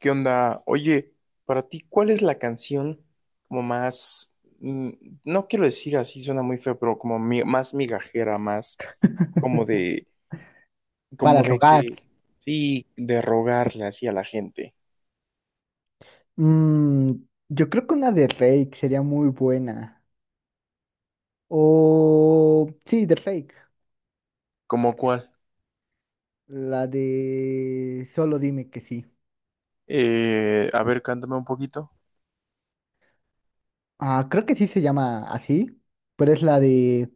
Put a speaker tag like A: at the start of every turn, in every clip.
A: ¿Qué onda? Oye, para ti, ¿cuál es la canción como más, mm, no quiero decir así, suena muy feo, pero como más migajera, más como de,
B: Para
A: como de
B: rogar.
A: que, sí, de rogarle así a la gente?
B: Mm, yo creo que una de Rake sería muy buena. O sí, de Rake.
A: ¿Cómo cuál?
B: La de Solo dime que sí.
A: A ver, cántame un poquito.
B: Creo que sí se llama así. Pero es la de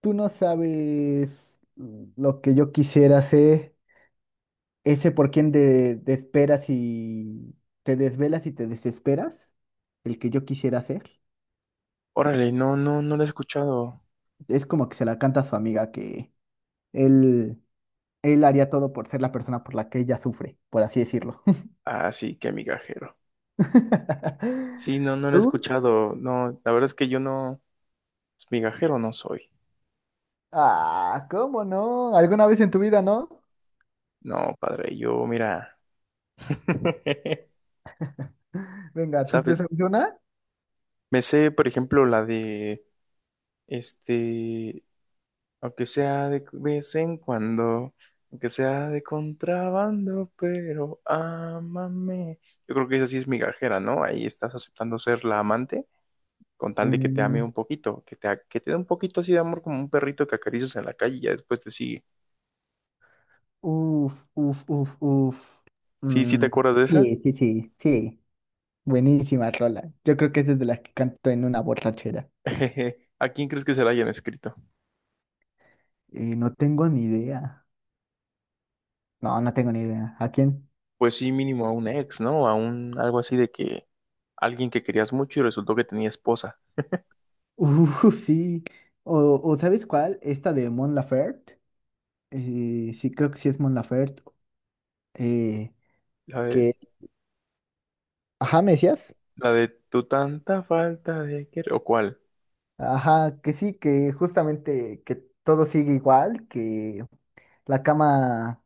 B: Tú no sabes lo que yo quisiera hacer. Ese por quien te esperas y te desvelas y te desesperas. El que yo quisiera hacer.
A: Órale, no, no, no la he escuchado.
B: Es como que se la canta a su amiga que él. Él haría todo por ser la persona por la que ella sufre, por así decirlo.
A: Ah, sí, qué migajero. Sí, no, no la he
B: ¿Tú?
A: escuchado. No, la verdad es que yo no, pues, migajero no soy.
B: Ah, ¿cómo no? ¿Alguna vez en tu vida, no?
A: No, padre, yo, mira.
B: Venga, ¿tú te
A: ¿Sabes?
B: sabes una?
A: Me sé, por ejemplo, la de este, aunque sea de vez en cuando, aunque sea de contrabando, pero ámame. Yo creo que esa sí es migajera, ¿no? Ahí estás aceptando ser la amante con tal de que te ame
B: Mm,
A: un poquito, que que te dé un poquito así de amor como un perrito que acaricias en la calle y ya después te sigue.
B: uf, uf, uf, uf.
A: Sí, sí, ¿te
B: Mm,
A: acuerdas de esa?
B: sí, sí, sí, sí. Buenísima rola. Yo creo que esa es de las que canto en una borrachera.
A: ¿A quién crees que se la hayan escrito?
B: No tengo ni idea. No, no tengo ni idea. ¿A quién?
A: Pues sí, mínimo a un ex, ¿no? A un algo así de que alguien que querías mucho y resultó que tenía esposa.
B: Uf, sí. O, o ¿sabes cuál? Esta de Mon Laferte. Sí, creo que sí es Mon Laferte. eh,
A: La de
B: que, ajá, me decías,
A: la de tu tanta falta de querer. ¿O cuál?
B: ajá, que sí, que justamente que todo sigue igual, que la cama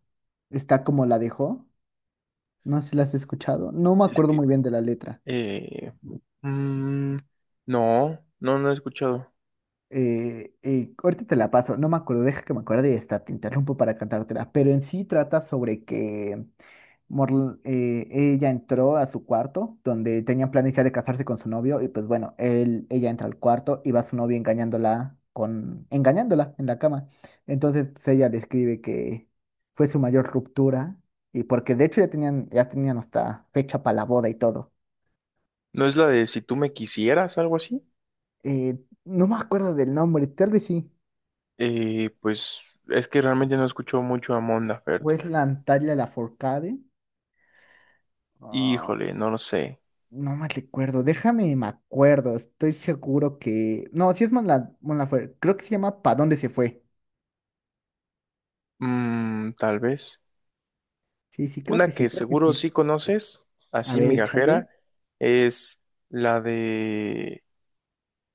B: está como la dejó, no sé si la has escuchado, no me
A: Es
B: acuerdo
A: que
B: muy bien de la letra.
A: Eh, mm, no, no, no he escuchado.
B: Ahorita te la paso, no me acuerdo, deja que me acuerde y está, te interrumpo para cantártela, pero en sí trata sobre que ella entró a su cuarto, donde tenían planes ya de casarse con su novio, y pues bueno, él, ella entra al cuarto y va su novio engañándola con, engañándola en la cama. Entonces, pues, ella describe que fue su mayor ruptura, y porque de hecho ya tenían hasta fecha para la boda y todo.
A: ¿No es la de si tú me quisieras, algo así?
B: Eh, no me acuerdo del nombre, tal vez sí.
A: Pues es que realmente no escucho mucho a Mon Laferte.
B: Wesland Talia Lafourcade.
A: Híjole, no lo sé.
B: No me recuerdo, déjame, me acuerdo, estoy seguro que... No, sí es Monla... Monlafuerte, creo que se llama ¿Pa dónde se fue?
A: Mm, tal vez.
B: Sí, sí, creo que
A: Una
B: sí,
A: que
B: creo que
A: seguro
B: sí.
A: sí conoces,
B: A
A: así
B: ver, échale.
A: migajera, es la de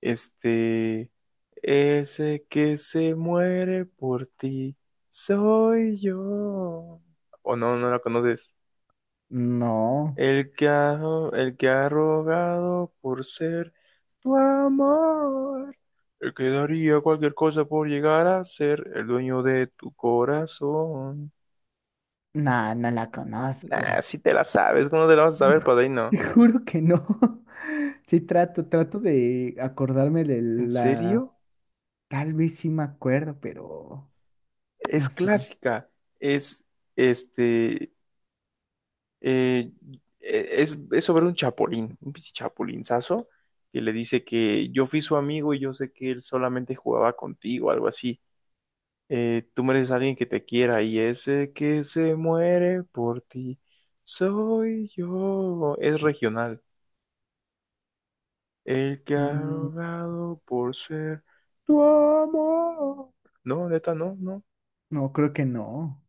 A: Este, ese que se muere por ti, soy yo. O no, no la conoces.
B: No,
A: El que ha, el que ha rogado por ser tu amor. El que daría cualquier cosa por llegar a ser el dueño de tu corazón.
B: no, no la
A: Nah,
B: conozco.
A: si te la sabes, ¿cómo te la vas a saber, padrino?
B: Te juro que no. Sí trato, trato de acordarme de
A: ¿En
B: la...
A: serio?
B: Tal vez sí me acuerdo, pero no
A: Es
B: sé.
A: clásica. Es, este, Eh, e, es sobre un chapulín, un pinche chapulinzazo, que le dice que yo fui su amigo y yo sé que él solamente jugaba contigo, algo así. Tú mereces a alguien que te quiera y ese que se muere por ti soy yo. Es regional. El que ha
B: Mm,
A: rogado por ser tu amor. No, neta, no, no.
B: no, creo que no.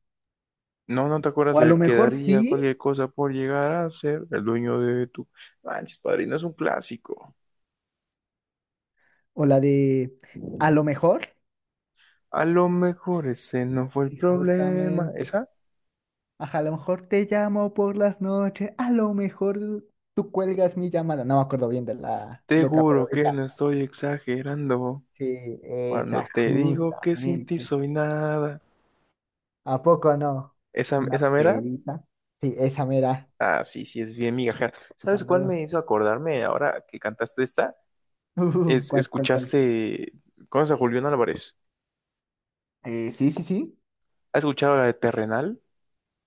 A: No, no te
B: O
A: acuerdas
B: a lo
A: del que
B: mejor
A: daría
B: sí,
A: cualquier cosa por llegar a ser el dueño de tu... Manches, padrino, es un clásico.
B: o la de... A lo mejor.
A: A lo mejor ese no fue el
B: Y
A: problema.
B: justamente.
A: ¿Esa?
B: Ajá, a lo mejor te llamo por las noches, a lo mejor tú cuelgas mi llamada. No me acuerdo bien de la
A: Te
B: letra, pero
A: juro que
B: esa,
A: no estoy exagerando
B: sí,
A: cuando
B: esa,
A: te digo que sin ti
B: justamente.
A: soy nada.
B: ¿A poco no?
A: ¿Esa,
B: Una
A: esa mera?
B: perita. Sí, esa mera.
A: Ah, sí, sí, es bien migajera. ¿Sabes cuál
B: Cuando.
A: me hizo acordarme ahora que cantaste esta?
B: Uf, ¿cuál, cuál, cuál?
A: ¿Escuchaste, conoces a Julián Álvarez?
B: Sí, sí, sí.
A: ¿Has escuchado la de Terrenal?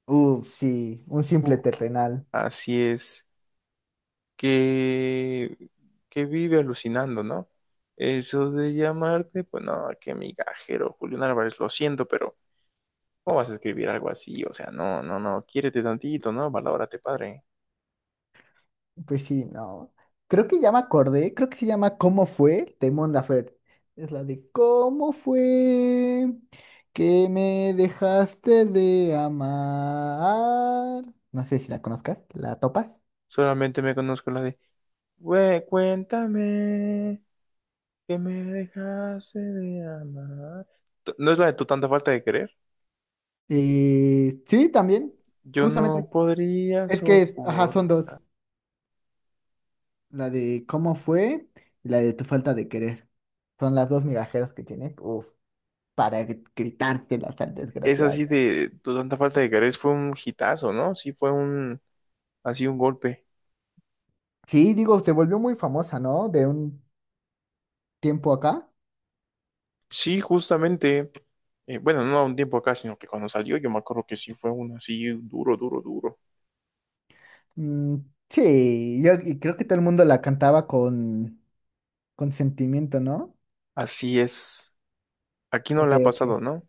B: Uf, sí, un simple
A: Uh,
B: terrenal.
A: así es. Que, que vive alucinando, ¿no? Eso de llamarte, pues no, qué migajero, Julián Álvarez, lo siento, pero ¿cómo vas a escribir algo así? O sea, no, no, no, quiérete tantito, ¿no? Valórate, padre.
B: Pues sí, no. Creo que ya me acordé, creo que se llama ¿Cómo fue? De Mon Laferte. Es la de ¿Cómo fue que me dejaste de amar? No sé si la conozcas, ¿la topas?
A: Solamente me conozco la de, güey, cuéntame que me dejaste de amar. ¿No es la de tu tanta falta de querer?
B: Sí, también.
A: Yo
B: Justamente.
A: no podría
B: Es que, ajá,
A: soportar.
B: son dos. La de ¿Cómo fue? Y la de Tu falta de querer. Son las dos migajeras que tiene. Uf, para gritártelas al
A: Es
B: desgraciado.
A: así de tu tanta falta de querer fue un hitazo, ¿no? Sí, fue un, así un golpe.
B: Sí, digo, se volvió muy famosa, ¿no? De un tiempo acá.
A: Sí, justamente, bueno, no a un tiempo acá, sino que cuando salió, yo me acuerdo que sí fue un así duro, duro, duro.
B: Mm, sí, yo y creo que todo el mundo la cantaba con sentimiento, ¿no?
A: Así es. Aquí no
B: Ok,
A: le ha
B: ok.
A: pasado, ¿no?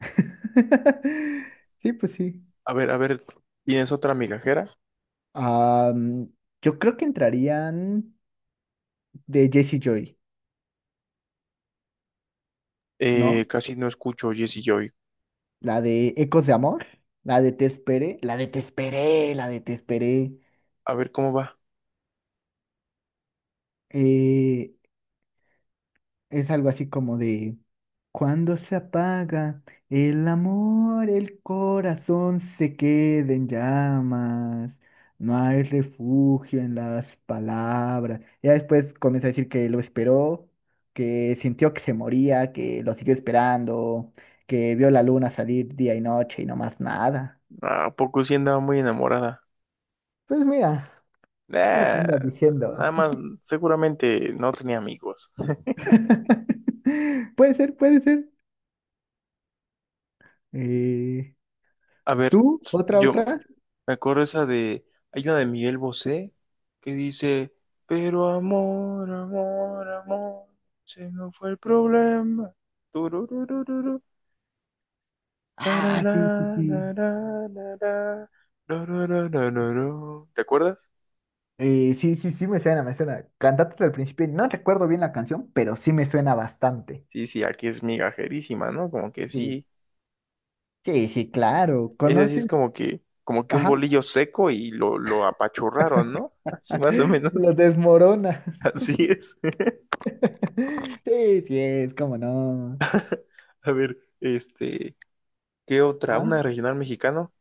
B: Sí, pues sí.
A: A ver, ¿tienes otra migajera?
B: Ah, mm, yo creo que entrarían de Jesse Joy, ¿no?
A: Casi no escucho Jessie Joy.
B: La de Ecos de Amor, la de Te Esperé, la de Te Esperé, la de Te Esperé.
A: A ver cómo va.
B: Eh, Es algo así como de, cuando se apaga el amor, el corazón se queda en llamas, no hay refugio en las palabras. Ya después comienza a decir que lo esperó, que sintió que se moría, que lo siguió esperando, que vio la luna salir día y noche y no más nada.
A: Ah, ¿a poco sí andaba muy enamorada?
B: Pues mira, lo que
A: Nah,
B: andas
A: nada
B: diciendo.
A: más, seguramente no tenía amigos.
B: Puede ser, puede ser. Eh,
A: A ver,
B: ¿Tú? ¿Otra,
A: yo
B: otra?
A: me acuerdo esa de. Hay una de Miguel Bosé que dice: pero amor, amor, amor, se no fue el problema. Turururururu,
B: Ah,
A: tarara,
B: sí, sí, sí.
A: tarara, tarara, tarara, tarara. ¿Te acuerdas?
B: Sí, sí, sí, me suena, me suena. Cantate al principio. No recuerdo bien la canción, pero sí me suena bastante.
A: Sí, sí, aquí es migajerísima, ¿no? Como que
B: Sí,
A: sí,
B: sí, sí, claro.
A: ese sí
B: ¿Conoces?
A: es como que un
B: Ajá.
A: bolillo seco y lo apachurraron, ¿no? Así más o menos,
B: Lo desmorona.
A: así es.
B: Sí, sí, es como no.
A: A ver, ¿qué otra?
B: Ajá.
A: ¿Una regional mexicano?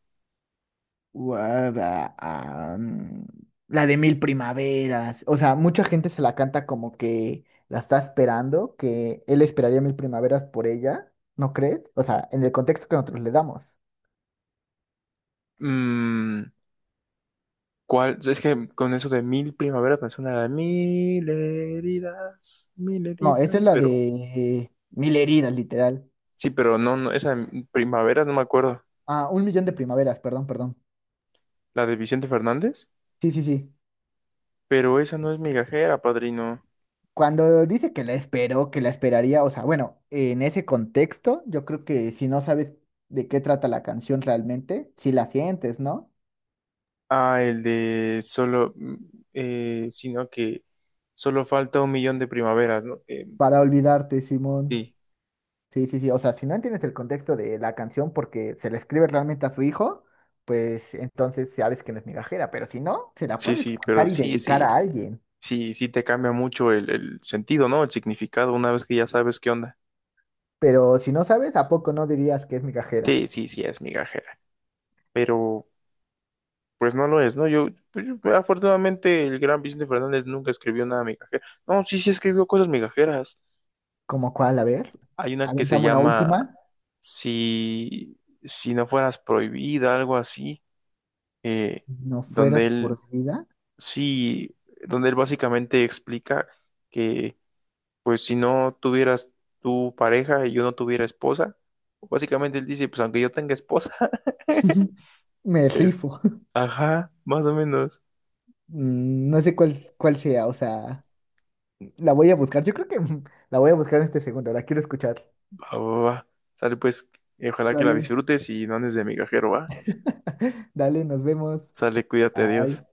B: Guada- ah, mm, La de Mil Primaveras. O sea, mucha gente se la canta como que la está esperando, que él esperaría mil primaveras por ella, ¿no crees? O sea, en el contexto que nosotros le damos.
A: Mm, ¿Cuál? Es que con eso de mil primaveras me suena la mil
B: No, esa
A: heridas,
B: es la
A: pero
B: de Mil heridas, literal.
A: sí, pero no, no, esa primavera no me acuerdo,
B: Ah, un millón de primaveras, perdón, perdón.
A: la de Vicente Fernández,
B: Sí, sí, sí.
A: pero esa no es migajera, padrino.
B: Cuando dice que la esperó, que la esperaría, o sea, bueno, en ese contexto, yo creo que si no sabes de qué trata la canción realmente, si la sientes, ¿no?
A: Ah, el de sino que solo falta un millón de primaveras, ¿no?
B: Para olvidarte, Simón.
A: Sí,
B: Sí, sí, sí. O sea, si no entiendes el contexto de la canción porque se la escribe realmente a su hijo, pues entonces sabes que no es migajera, pero si no, se la
A: sí,
B: puedes
A: sí, pero
B: cantar y
A: sí,
B: dedicar
A: sí,
B: a alguien.
A: sí, sí te cambia mucho el sentido, ¿no? El significado una vez que ya sabes qué onda.
B: Pero si no sabes, ¿a poco no dirías que es migajera?
A: Sí, sí, sí, es migajera, pero pues no lo es, ¿no? Yo, pues, afortunadamente, el gran Vicente Fernández nunca escribió nada migajero. No, sí, sí escribió cosas migajeras.
B: ¿Como cuál? A ver,
A: Hay una que se
B: avientame una
A: llama
B: última.
A: si, si no fueras prohibida, algo así. Eh,
B: No
A: Donde
B: fueras por
A: él
B: mi vida.
A: sí, donde él básicamente explica que, pues, si no tuvieras tu pareja y yo no tuviera esposa, básicamente él dice, pues, aunque yo tenga esposa,
B: Me
A: es,
B: rifo.
A: ajá, más o menos,
B: Mm, no sé cuál, cuál sea, o sea, la voy a buscar. Yo creo que la voy a buscar en este segundo. La quiero escuchar.
A: va, va, va, sale pues, y ojalá que la
B: Dale.
A: disfrutes y no andes de migajero, va,
B: Dale, nos vemos.
A: sale, cuídate, adiós.
B: Bye.